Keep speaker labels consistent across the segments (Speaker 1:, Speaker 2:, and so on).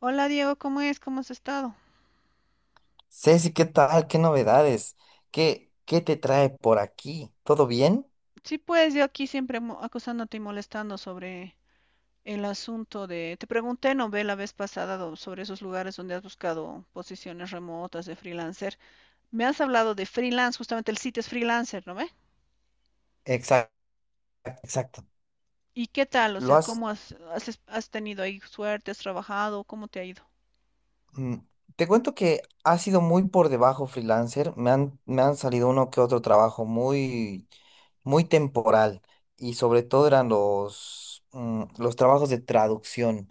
Speaker 1: Hola Diego, ¿cómo es? ¿Cómo has estado?
Speaker 2: Ceci, ¿qué tal? ¿Qué novedades? ¿Qué te trae por aquí? ¿Todo bien?
Speaker 1: Sí, pues yo aquí siempre acosándote y molestando sobre el asunto de... Te pregunté, no ve la vez pasada sobre esos lugares donde has buscado posiciones remotas de freelancer. Me has hablado de freelance, justamente el sitio es freelancer, ¿no ve?
Speaker 2: Exacto, exacto.
Speaker 1: ¿Y qué tal? O
Speaker 2: Lo
Speaker 1: sea,
Speaker 2: has.
Speaker 1: ¿cómo has tenido ahí suerte? ¿Has trabajado? ¿Cómo te ha ido?
Speaker 2: mm, Te cuento que ha sido muy por debajo freelancer. Me han salido uno que otro trabajo muy, muy temporal. Y sobre todo eran los trabajos de traducción.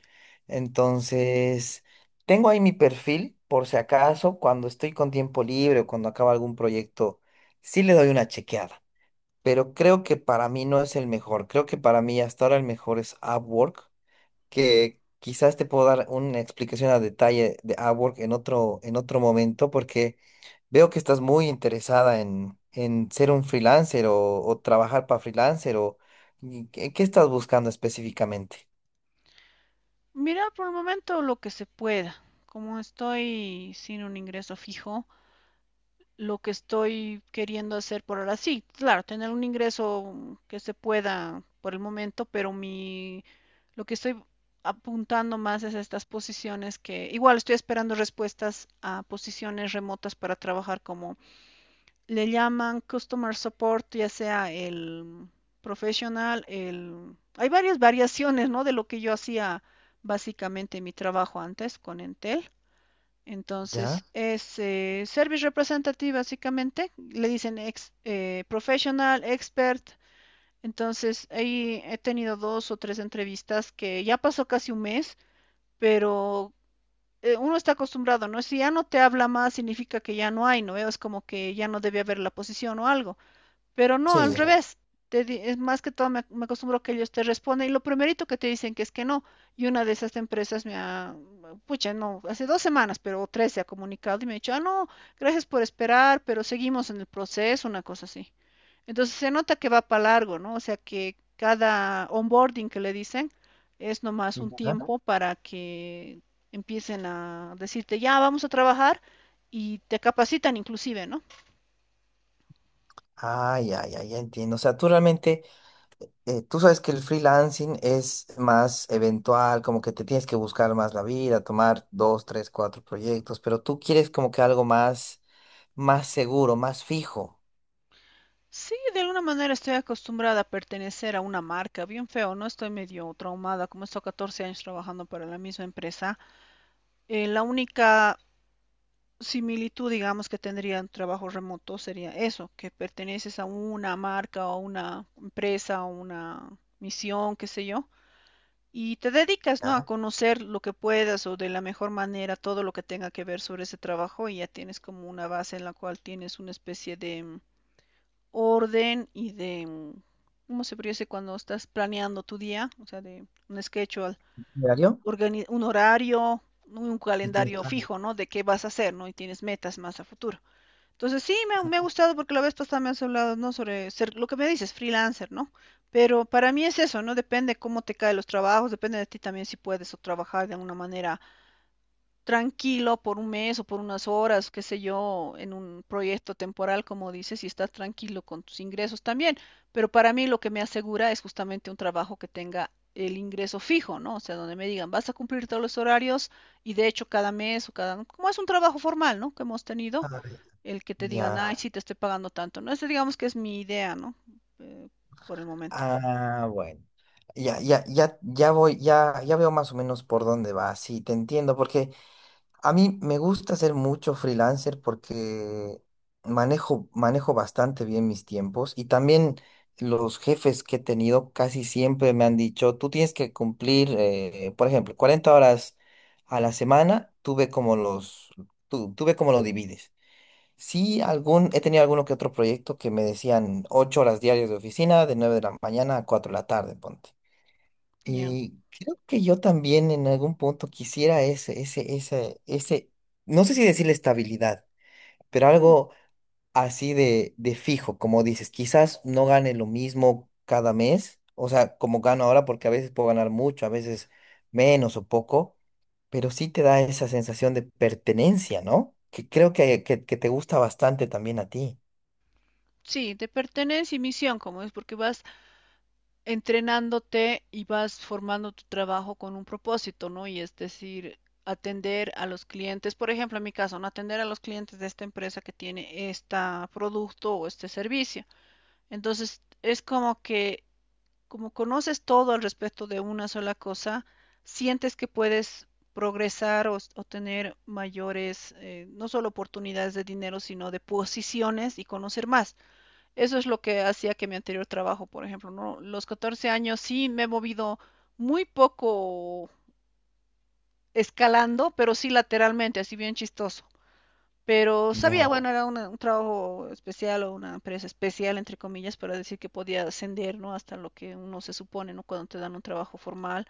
Speaker 2: Entonces, tengo ahí mi perfil, por si acaso, cuando estoy con tiempo libre o cuando acaba algún proyecto, sí le doy una chequeada. Pero creo que para mí no es el mejor. Creo que para mí hasta ahora el mejor es Upwork, que quizás te puedo dar una explicación a detalle de Upwork en otro momento, porque veo que estás muy interesada en ser un freelancer o trabajar para freelancer o y ¿qué estás buscando específicamente?
Speaker 1: Mira, por el momento lo que se pueda. Como estoy sin un ingreso fijo, lo que estoy queriendo hacer por ahora. Sí, claro, tener un ingreso que se pueda por el momento, pero lo que estoy apuntando más es a estas posiciones, que igual estoy esperando respuestas a posiciones remotas para trabajar como le llaman customer support, ya sea el profesional, el hay varias variaciones, ¿no?, de lo que yo hacía básicamente en mi trabajo antes con Entel.
Speaker 2: ¿Ya?
Speaker 1: Entonces, es Service Representative, básicamente. Le dicen ex, Professional, Expert. Entonces, ahí he tenido dos o tres entrevistas que ya pasó casi un mes, pero uno está acostumbrado, ¿no? Si ya no te habla más, significa que ya no hay, ¿no? Es como que ya no debe haber la posición o algo. Pero no, al
Speaker 2: Sí.
Speaker 1: revés. Es más que todo me acostumbro a que ellos te responden y lo primerito que te dicen que es que no. Y una de esas empresas pucha, no, hace dos semanas, pero o tres, se ha comunicado y me ha dicho, ah, no, gracias por esperar, pero seguimos en el proceso, una cosa así. Entonces se nota que va para largo, ¿no? O sea que cada onboarding que le dicen es nomás un
Speaker 2: Ujú.
Speaker 1: tiempo para que empiecen a decirte, ya, vamos a trabajar, y te capacitan inclusive, ¿no?
Speaker 2: Ah, ya, ya, ya entiendo. O sea, tú sabes que el freelancing es más eventual, como que te tienes que buscar más la vida, tomar dos, tres, cuatro proyectos, pero tú quieres como que algo más, más seguro, más fijo.
Speaker 1: Sí, de alguna manera estoy acostumbrada a pertenecer a una marca, bien feo, ¿no? Estoy medio traumada, como he estado 14 años trabajando para la misma empresa. La única similitud, digamos, que tendría un trabajo remoto sería eso, que perteneces a una marca o una empresa o una misión, qué sé yo, y te dedicas, ¿no?, a
Speaker 2: ¿Ya?
Speaker 1: conocer lo que puedas o de la mejor manera todo lo que tenga que ver sobre ese trabajo, y ya tienes como una base en la cual tienes una especie de orden y de, ¿cómo se podría cuando estás planeando tu día? O sea, de un schedule,
Speaker 2: ¿Diario?
Speaker 1: un horario, un
Speaker 2: Y tienes-
Speaker 1: calendario
Speaker 2: ah,
Speaker 1: fijo, ¿no? De qué vas a hacer, ¿no? Y tienes metas más a futuro. Entonces, sí, me ha
Speaker 2: ah,
Speaker 1: gustado porque la vez pasada me has hablado, ¿no? Sobre ser, lo que me dices, freelancer, ¿no? Pero para mí es eso, ¿no? Depende cómo te caen los trabajos, depende de ti también si puedes o trabajar de una manera tranquilo por un mes o por unas horas, qué sé yo, en un proyecto temporal, como dices, y estás tranquilo con tus ingresos también. Pero para mí lo que me asegura es justamente un trabajo que tenga el ingreso fijo, ¿no? O sea, donde me digan, vas a cumplir todos los horarios y de hecho cada mes o cada, como es un trabajo formal, ¿no?, que hemos tenido,
Speaker 2: ah, eh,
Speaker 1: el que te digan,
Speaker 2: ya.
Speaker 1: ay, sí, te estoy pagando tanto, ¿no? Esa digamos que es mi idea, ¿no? Eh, por el momento.
Speaker 2: Ah, bueno. Ya, ya, ya, ya voy, ya, ya veo más o menos por dónde va. Sí, te entiendo, porque a mí me gusta ser mucho freelancer porque manejo bastante bien mis tiempos y también los jefes que he tenido casi siempre me han dicho, tú tienes que cumplir, por ejemplo, 40 horas a la semana, tú ve cómo lo divides. Sí, he tenido alguno que otro proyecto que me decían 8 horas diarias de oficina, de 9 de la mañana a 4 de la tarde, ponte.
Speaker 1: Ya.
Speaker 2: Y creo que yo también en algún punto quisiera no sé si decirle estabilidad, pero
Speaker 1: Mm.
Speaker 2: algo así de fijo, como dices, quizás no gane lo mismo cada mes, o sea, como gano ahora, porque a veces puedo ganar mucho, a veces menos o poco, pero sí te da esa sensación de pertenencia, ¿no? Que creo que te gusta bastante también a ti.
Speaker 1: Sí, de pertenencia y misión, como es, porque vas entrenándote y vas formando tu trabajo con un propósito, ¿no? Y es decir, atender a los clientes, por ejemplo, en mi caso, no, atender a los clientes de esta empresa que tiene este producto o este servicio. Entonces, es como que, como conoces todo al respecto de una sola cosa, sientes que puedes progresar o tener mayores, no solo oportunidades de dinero, sino de posiciones, y conocer más. Eso es lo que hacía que mi anterior trabajo, por ejemplo, ¿no? Los 14 años sí me he movido muy poco escalando, pero sí lateralmente, así bien chistoso. Pero sabía,
Speaker 2: Ya,
Speaker 1: bueno, era un trabajo especial o una empresa especial, entre comillas, para decir que podía ascender, ¿no? Hasta lo que uno se supone, ¿no? Cuando te dan un trabajo formal,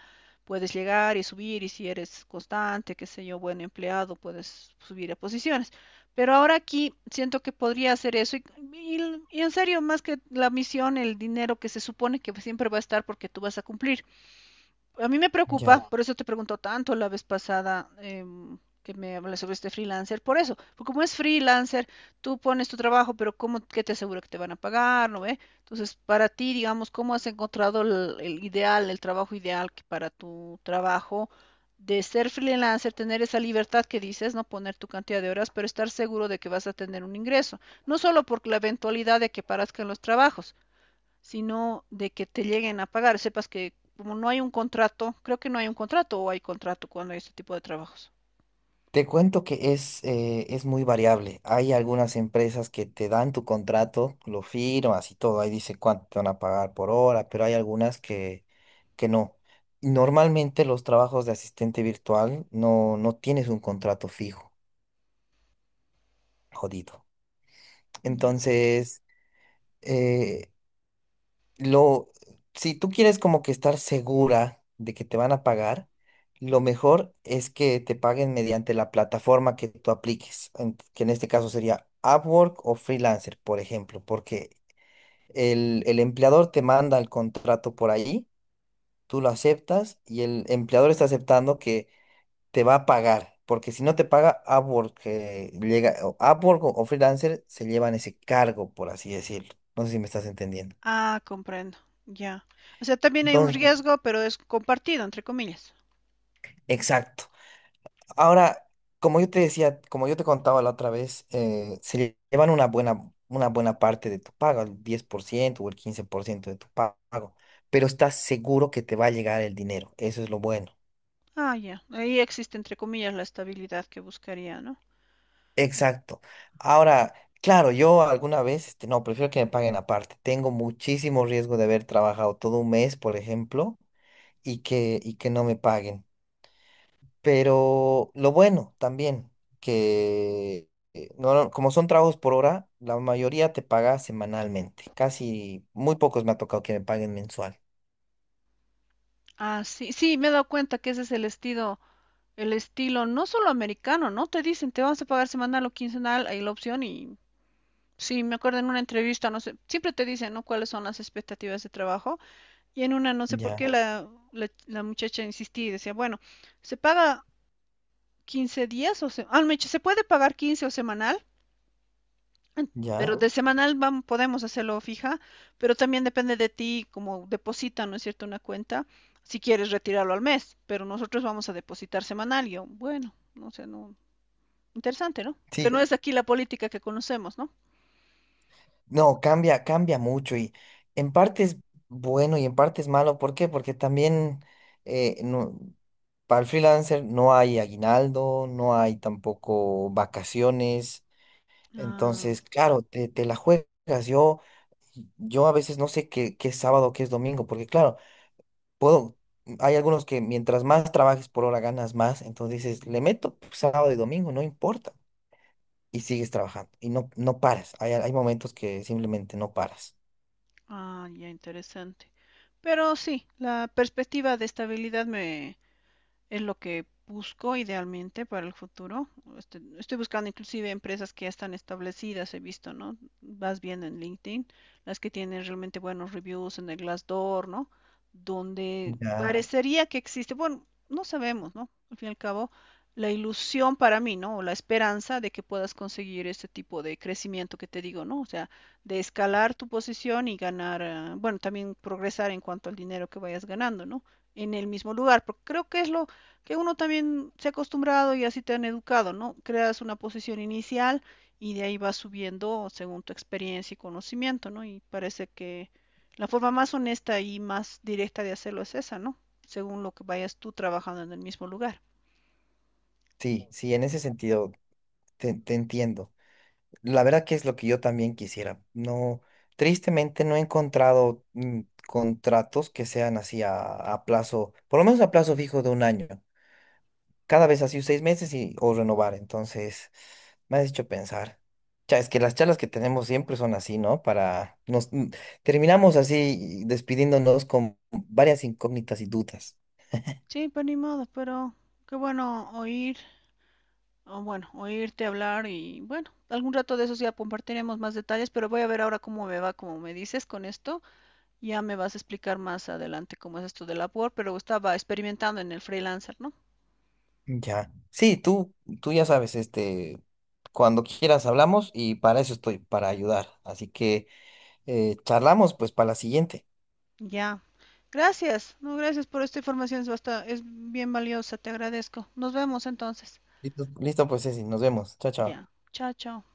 Speaker 1: puedes llegar y subir, y si eres constante, qué sé yo, buen empleado, puedes subir a posiciones. Pero ahora aquí siento que podría hacer eso, y en serio, más que la misión, el dinero que se supone que siempre va a estar porque tú vas a cumplir, a mí me
Speaker 2: ya.
Speaker 1: preocupa, por eso te preguntó tanto la vez pasada, que me hablas sobre este freelancer, por eso, porque como es freelancer, tú pones tu trabajo, pero ¿cómo, qué te asegura que te van a pagar, no ve? Entonces, para ti, digamos, ¿cómo has encontrado el ideal, el trabajo ideal que para tu trabajo de ser freelancer, tener esa libertad que dices, no poner tu cantidad de horas, pero estar seguro de que vas a tener un ingreso, no solo por la eventualidad de que parezcan los trabajos, sino de que te lleguen a pagar? Sepas que como no hay un contrato, creo que no hay un contrato o hay contrato cuando hay este tipo de trabajos.
Speaker 2: Te cuento que es muy variable. Hay algunas empresas que te dan tu contrato, lo firmas y todo, ahí dice cuánto te van a pagar por hora, pero hay algunas que no. Normalmente los trabajos de asistente virtual no, no tienes un contrato fijo, jodido.
Speaker 1: Ya.
Speaker 2: Entonces, eh, lo, si tú quieres como que estar segura de que te van a pagar, lo mejor es que te paguen mediante la plataforma que tú apliques, que en este caso sería Upwork o Freelancer, por ejemplo, porque el empleador te manda el contrato por ahí, tú lo aceptas y el empleador está aceptando que te va a pagar. Porque si no te paga Upwork, o Upwork o Freelancer se llevan ese cargo, por así decirlo. No sé si me estás entendiendo.
Speaker 1: Ah, comprendo. Ya. O sea, también hay un
Speaker 2: Entonces,
Speaker 1: riesgo, pero es compartido, entre comillas.
Speaker 2: exacto. Ahora, como yo te decía, como yo te contaba la otra vez, se llevan una buena parte de tu pago, el 10% o el 15% de tu pago, pero estás seguro que te va a llegar el dinero, eso es lo bueno.
Speaker 1: Ah, ya. Ahí existe, entre comillas, la estabilidad que buscaría, ¿no?
Speaker 2: Exacto. Ahora, claro, yo alguna vez, no, prefiero que me paguen aparte. Tengo muchísimo riesgo de haber trabajado todo un mes, por ejemplo, y que no me paguen. Pero lo bueno también, que no, no, como son trabajos por hora, la mayoría te paga semanalmente. Casi muy pocos me ha tocado que me paguen mensual.
Speaker 1: Ah, sí, sí, me he dado cuenta que ese es el estilo no solo americano, ¿no? Te dicen, te vamos a pagar semanal o quincenal, hay la opción, y sí, me acuerdo en una entrevista, no sé, siempre te dicen, ¿no?, ¿cuáles son las expectativas de trabajo? Y en una, no sé por
Speaker 2: Ya,
Speaker 1: qué, la muchacha insistía y decía, bueno, ¿se paga 15 días o se, ah, me dice, se puede pagar 15 o semanal? Pero
Speaker 2: ya.
Speaker 1: de semanal vamos podemos hacerlo fija, pero también depende de ti, como deposita, ¿no es cierto?, una cuenta, si quieres retirarlo al mes, pero nosotros vamos a depositar semanal. Y yo, bueno, no sé, no, interesante, ¿no? Que
Speaker 2: Sí,
Speaker 1: no es aquí la política que conocemos, ¿no?
Speaker 2: no, cambia, cambia mucho y en parte es bueno y en parte es malo. ¿Por qué? Porque también eh, no- para el freelancer no hay aguinaldo, no hay tampoco vacaciones.
Speaker 1: Ah,
Speaker 2: Entonces, claro, te la juegas. Yo, yo a veces no sé qué es sábado, qué es domingo, porque claro, puedo, hay algunos que mientras más trabajes por hora ganas más, entonces dices, le meto sábado y domingo, no importa, y sigues trabajando, y no, no paras. Hay momentos que simplemente no paras.
Speaker 1: ah, ya, interesante. Pero sí, la perspectiva de estabilidad me es lo que busco idealmente para el futuro. Este, estoy buscando inclusive empresas que ya están establecidas, he visto, ¿no? Vas viendo en LinkedIn, las que tienen realmente buenos reviews en el Glassdoor, ¿no? Donde
Speaker 2: Ya.
Speaker 1: parecería que existe, bueno, no sabemos, ¿no? Al fin y al cabo, la ilusión para mí, ¿no?, o la esperanza de que puedas conseguir este tipo de crecimiento que te digo, ¿no? O sea, de escalar tu posición y ganar, bueno, también progresar en cuanto al dinero que vayas ganando, ¿no? En el mismo lugar, porque creo que es lo, que uno también se ha acostumbrado, y así te han educado, ¿no? Creas una posición inicial y de ahí vas subiendo según tu experiencia y conocimiento, ¿no? Y parece que la forma más honesta y más directa de hacerlo es esa, ¿no? Según lo que vayas tú trabajando en el mismo lugar.
Speaker 2: Sí, sí, en ese sentido te entiendo. La verdad que es lo que yo también quisiera. No, tristemente no he encontrado contratos que sean así a plazo, por lo menos a plazo fijo de un año. Cada vez así 6 meses y o renovar. Entonces, me has hecho pensar. Cha, es que las charlas que tenemos siempre son así, ¿no? Terminamos así despidiéndonos con varias incógnitas y dudas.
Speaker 1: Sí, pero ni modo, pero qué bueno oír, o bueno, oírte hablar, y bueno, algún rato de esos ya compartiremos más detalles, pero voy a ver ahora cómo me va, como me dices, con esto. Ya me vas a explicar más adelante cómo es esto del la Upwork, pero estaba experimentando en el freelancer, ¿no?
Speaker 2: Ya. Sí, tú ya sabes, cuando quieras hablamos y para eso estoy, para ayudar. Así que charlamos pues para la siguiente.
Speaker 1: Ya. Gracias. No, gracias por esta información. Es, bastante, es bien valiosa. Te agradezco. Nos vemos entonces.
Speaker 2: Listo. Listo, pues Ceci, nos vemos. Chao, chao.
Speaker 1: Ya. Chao, chao.